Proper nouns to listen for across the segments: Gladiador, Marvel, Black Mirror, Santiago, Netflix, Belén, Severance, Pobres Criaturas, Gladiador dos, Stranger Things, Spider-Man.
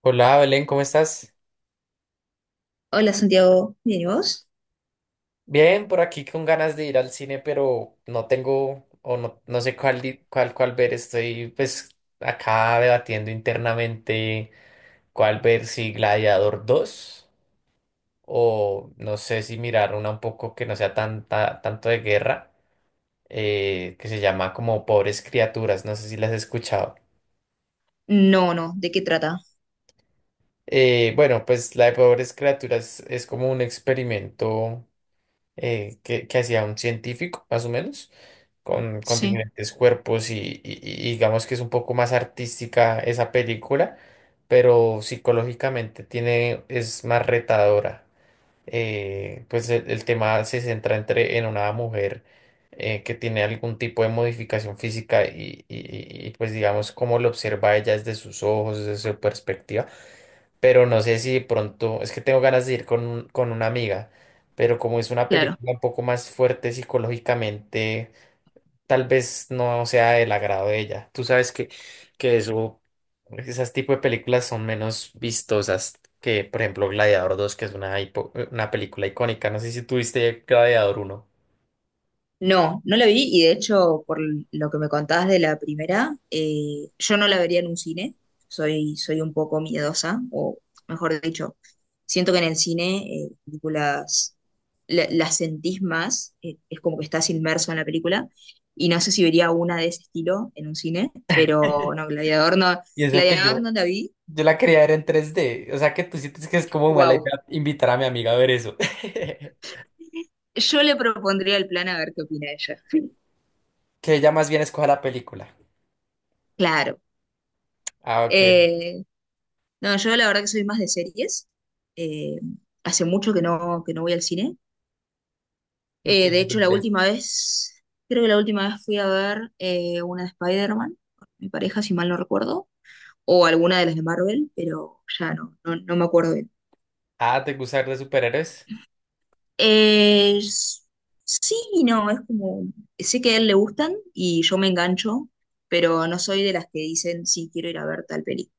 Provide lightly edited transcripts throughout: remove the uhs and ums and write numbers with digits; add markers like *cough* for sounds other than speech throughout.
Hola Belén, ¿cómo estás? Hola Santiago, ¿bien y vos? Bien, por aquí con ganas de ir al cine, pero no tengo o no, no sé cuál, cuál, cuál ver. Estoy pues acá debatiendo internamente cuál ver, si Gladiador dos o no sé si mirar una un poco que no sea tanta, tanto de guerra, que se llama como Pobres Criaturas, no sé si las has escuchado. No, no, ¿de qué trata? Bueno, pues la de Pobres Criaturas es como un experimento que hacía un científico, más o menos, con Sí, diferentes cuerpos y digamos que es un poco más artística esa película, pero psicológicamente tiene, es más retadora. Pues el tema se centra en una mujer que tiene algún tipo de modificación física y, pues digamos cómo lo observa ella desde sus ojos, desde su perspectiva, pero no sé si de pronto, es que tengo ganas de ir con una amiga, pero como es una claro. película un poco más fuerte psicológicamente, tal vez no sea del agrado de ella. Tú sabes que eso, esas tipo de películas son menos vistosas que, por ejemplo, Gladiador dos, que es una, una película icónica. No sé si tuviste Gladiador uno. No, no la vi y de hecho por lo que me contabas de la primera, yo no la vería en un cine, soy un poco miedosa, o mejor dicho, siento que en el cine películas las sentís más, es como que estás inmerso en la película y no sé si vería una de ese estilo en un cine, pero no, Gladiador no, Y eso que yo, Gladiador no la vi. yo la quería ver en 3D. O sea, ¿que tú sientes que es como mala idea Wow. invitar a mi amiga a ver eso? *laughs* Yo le propondría el plan a ver qué opina ella. *laughs* Que ella más bien escoja la película. Claro. Ah, ok. Eh, no, yo la verdad que soy más de series. Eh, Hace mucho que no voy al cine. ¿Y qué De hecho, ves? Creo que la última vez fui a ver una de Spider-Man, con mi pareja, si mal no recuerdo, o alguna de las de Marvel, pero ya no me acuerdo bien. Ah, ¿te gusta ver de superhéroes? Eh, s- sí y no, es como, sé que a él le gustan y yo me engancho, pero no soy de las que dicen, sí, quiero ir a ver tal película.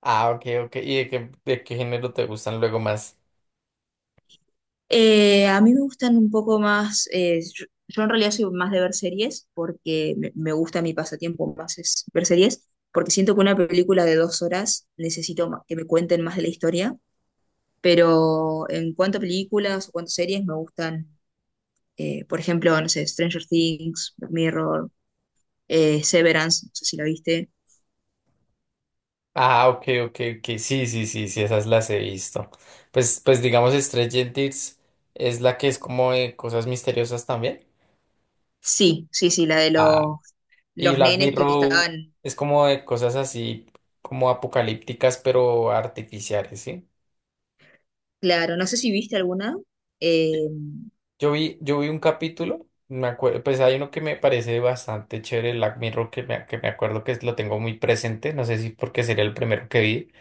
Ah, ok, ok. ¿Y de qué género te gustan luego más? A mí me gustan un poco más, yo en realidad soy más de ver series porque me gusta mi pasatiempo más es ver series, porque siento que una película de 2 horas necesito que me cuenten más de la historia, pero en cuanto a películas o cuanto a series me gustan, por ejemplo, no sé, Stranger Things, Black Mirror, Severance, no sé si la viste. Ah, ok, ok, ok. Sí, sí, sí, sí, esas las he visto. Pues, pues digamos, Stranger Things es la que es como de cosas misteriosas también. Sí, sí, sí, la de Ah. Y los Black nenes que Mirror estaban, es como de cosas así, como apocalípticas, pero artificiales, ¿sí? claro, no sé si viste alguna. Eh, Yo vi un capítulo, me acuerdo, pues hay uno que me parece bastante chévere, Black Mirror, que me acuerdo que lo tengo muy presente, no sé si porque sería el primero que vi,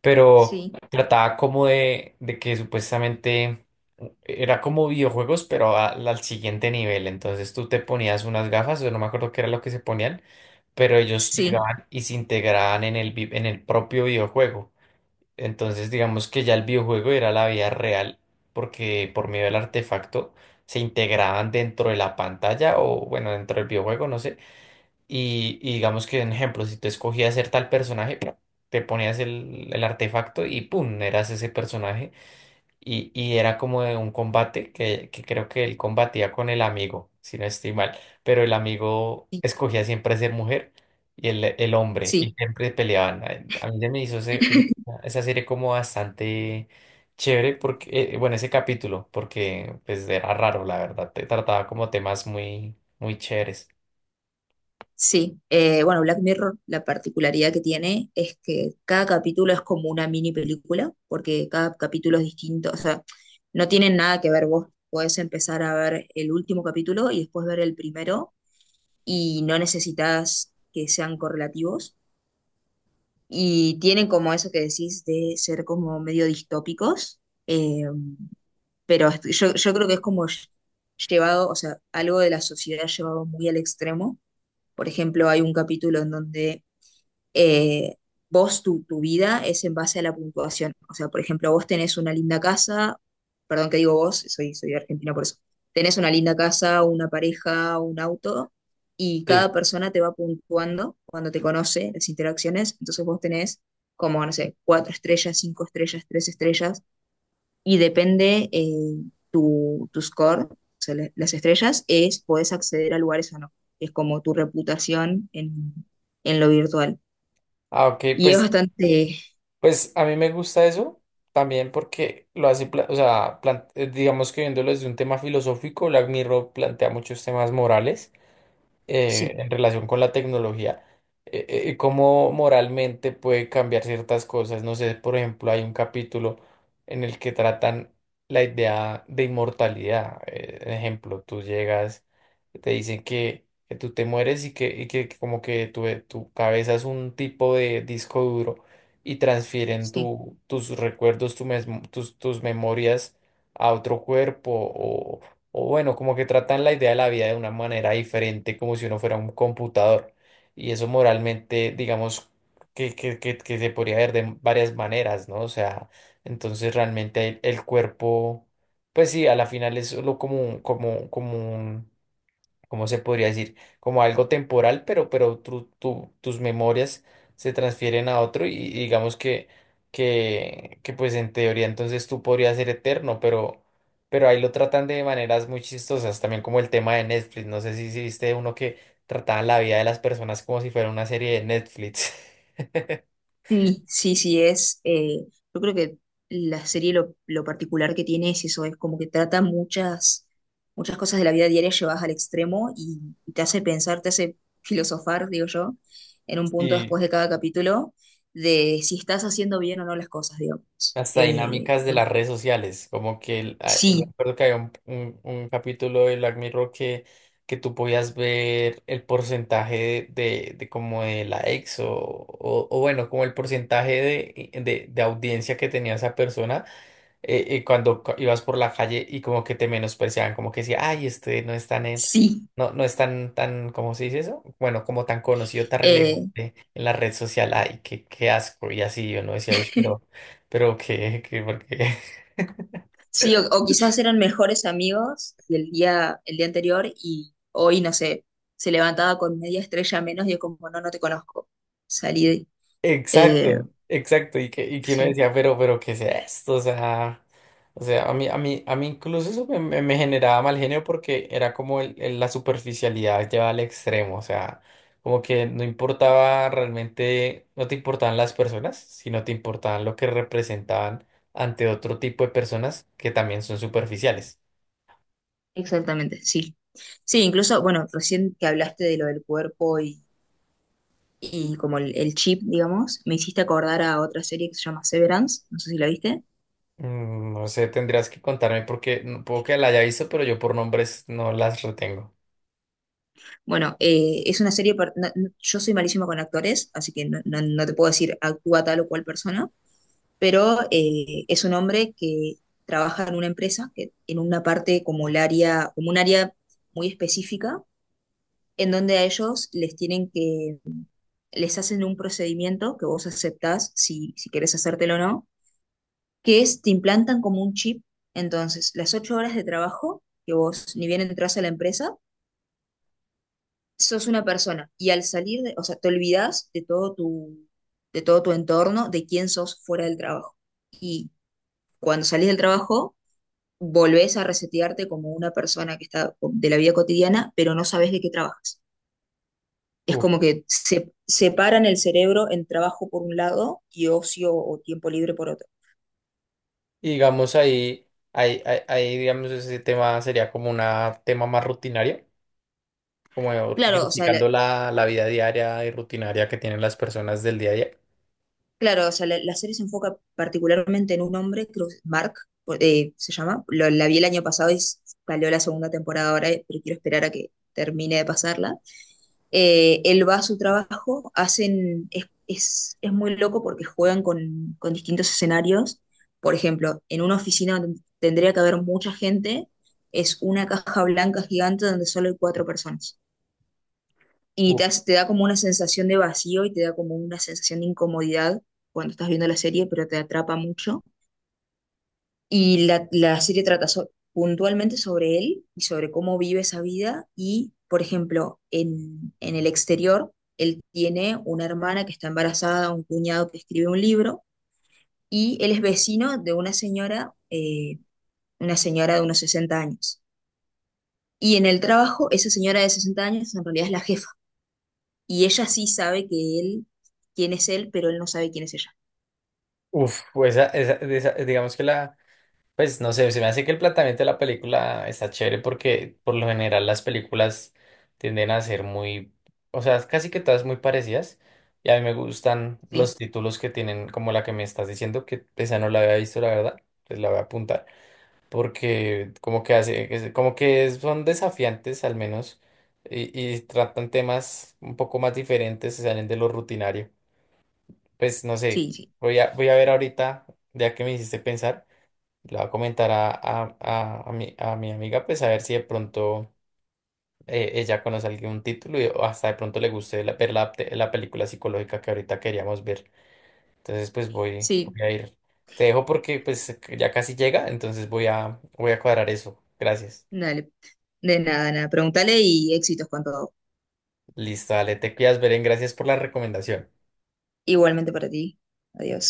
pero sí, trataba como de que supuestamente era como videojuegos, pero al siguiente nivel, entonces tú te ponías unas gafas, yo no me acuerdo qué era lo que se ponían, pero ellos sí, llegaban y se integraban en el, en el propio videojuego. Entonces, digamos que ya el videojuego era la vida real, porque por medio del artefacto se integraban dentro de la pantalla o, bueno, dentro del videojuego, no sé. Y digamos que, en ejemplo, si tú escogías ser tal personaje, te ponías el artefacto y ¡pum!, eras ese personaje. Y era como de un combate que creo que él combatía con el amigo, si no estoy mal. Pero el amigo sí. escogía siempre ser mujer y el hombre, y Sí. siempre peleaban. A mí se me hizo *laughs* esa serie como bastante chévere, porque, bueno, ese capítulo, porque pues era raro, la verdad. Te trataba como temas muy, muy chéveres. Sí, bueno, Black Mirror, la particularidad que tiene es que cada capítulo es como una mini película, porque cada capítulo es distinto, o sea, no tienen nada que ver. Vos podés empezar a ver el último capítulo y después ver el primero, y no necesitas que sean correlativos. Y tienen como eso que decís de ser como medio distópicos, eh, yo creo que es como llevado, o sea, algo de la sociedad llevado muy al extremo. Por ejemplo, hay un capítulo en donde eh, tu vida es en base a la puntuación. O sea, por ejemplo, vos tenés una linda casa, perdón que digo vos, soy de Argentina por eso, tenés una linda casa, una pareja, un auto, y cada Sí. persona te va puntuando cuando te conoce, las interacciones, entonces vos tenés como, no sé, 4 estrellas, 5 estrellas, 3 estrellas, y depende tu score, o sea, las estrellas, es, podés acceder a lugares o no, es como tu reputación en lo virtual. Ah, ok, Y es pues. bastante, Pues a mí me gusta eso también porque lo hace, o sea, digamos que viéndolo desde un tema filosófico, Black Mirror plantea muchos temas morales sí. En relación con la tecnología, y cómo moralmente puede cambiar ciertas cosas. No sé, por ejemplo, hay un capítulo en el que tratan la idea de inmortalidad. Ejemplo, tú llegas, te dicen que tú te mueres y que como que tu cabeza es un tipo de disco duro y transfieren Sí. tu, tus recuerdos, tus, tus memorias a otro cuerpo o bueno, como que tratan la idea de la vida de una manera diferente, como si uno fuera un computador. Y eso moralmente, digamos, que se podría ver de varias maneras, ¿no? O sea, entonces realmente el cuerpo, pues sí, a la final es solo como, como, como un ¿cómo se podría decir? Como algo temporal, pero tus memorias se transfieren a otro y digamos que pues en teoría entonces tú podrías ser eterno, pero ahí lo tratan de maneras muy chistosas, también como el tema de Netflix, no sé si, si viste uno que trataban la vida de las personas como si fuera una serie de Netflix. *laughs* Sí, sí, sí, yo creo que lo particular que tiene es eso, es como que trata muchas, muchas cosas de la vida diaria llevadas al extremo y te hace pensar, te hace *laughs* filosofar, digo yo, en un punto Sí. después de cada capítulo, de si estás haciendo bien o no las cosas, digamos. Hasta dinámicas de Uy, las redes sociales, como que yo sí, recuerdo que había un, un capítulo de Black Mirror que tú podías ver el porcentaje de como de likes o bueno, como el porcentaje de audiencia que tenía esa persona cuando ibas por la calle y como que te menospreciaban, como que decía, ay, este no es tan, sí. no, no es tan, tan, ¿cómo se dice eso? Bueno, como tan conocido, tan Eh. relevante en la red social, ay, qué, qué asco, y así yo no decía, "Uy, *laughs* pero qué, qué, ¿por qué?". Sí, o quizás eran mejores amigos y el día anterior y hoy, no sé, se levantaba con media estrella menos y es como, no, no te conozco. Salí de... eh, Exacto, exacto, y que uno sí, decía, pero, ¿qué es esto? O sea, a mí, a mí, a mí incluso eso me, me generaba mal genio porque era como la superficialidad llevada al extremo, o sea, como que no importaba realmente, no te importaban las personas, sino te importaban lo que representaban ante otro tipo de personas que también son superficiales. exactamente, sí. Sí, incluso, bueno, recién que hablaste de lo del cuerpo y como el chip, digamos, me hiciste acordar a otra serie que se llama Severance, no sé si la viste. Mm, no sé, tendrías que contarme porque no puedo que la haya visto, pero yo por nombres no las retengo. Bueno, es una serie, yo soy malísimo con actores, así que no te puedo decir actúa tal o cual persona, pero es un hombre que trabaja en una empresa, en una parte como el área, como un área muy específica, en donde a ellos les hacen un procedimiento que vos aceptás si querés hacértelo o no, que es te implantan como un chip. Entonces, las 8 horas de trabajo que vos ni bien entras a la empresa, sos una persona y al salir, o sea, te olvidás de todo tu entorno, de quién sos fuera del trabajo. Y cuando salís del trabajo, volvés a resetearte como una persona que está de la vida cotidiana, pero no sabes de qué trabajas. Es como que se separan el cerebro en trabajo por un lado y ocio o tiempo libre por otro. Y digamos ahí, ahí, ahí, ahí, digamos, ese tema sería como un tema más rutinario, como Claro, o sea, la- criticando la, la vida diaria y rutinaria que tienen las personas del día a día. Claro, o sea, la serie se enfoca particularmente en un hombre, creo que es Mark se llama. La vi el año pasado y salió la segunda temporada ahora, pero quiero esperar a que termine de pasarla. Él va a su trabajo, es muy loco porque juegan con distintos escenarios. Por ejemplo, en una oficina donde tendría que haber mucha gente, es una caja blanca gigante donde solo hay cuatro personas. Y Uf, te da como una sensación de vacío y te da como una sensación de incomodidad cuando estás viendo la serie, pero te atrapa mucho. Y la serie trata puntualmente sobre él y sobre cómo vive esa vida. Y, por ejemplo, en el exterior, él tiene una hermana que está embarazada, un cuñado que escribe un libro, y él es vecino de una señora de unos 60 años. Y en el trabajo, esa señora de 60 años en realidad es la jefa. Y ella sí sabe que quién es él, pero él no sabe quién es ella. uf, pues digamos que la, pues no sé, se me hace que el planteamiento de la película está chévere porque por lo general las películas tienden a ser muy, o sea, casi que todas muy parecidas. Y a mí me gustan Sí, los títulos que tienen, como la que me estás diciendo, que esa no la había visto, la verdad, pues la voy a apuntar. Porque como que hace, como que son desafiantes al menos y tratan temas un poco más diferentes, se salen de lo rutinario. Pues no sé, sí, sí. voy a, voy a ver ahorita, ya que me hiciste pensar, le voy a comentar a mi amiga, pues a ver si de pronto ella conoce algún título y, o hasta de pronto le guste ver la, la película psicológica que ahorita queríamos ver. Entonces pues voy, Sí, voy a ir. Te dejo porque pues ya casi llega, entonces voy a, voy a cuadrar eso. Gracias. dale. De nada, nada. Pregúntale y éxitos con todo. Listo, dale, te cuidas, Beren, gracias por la recomendación. Igualmente para ti. Adiós.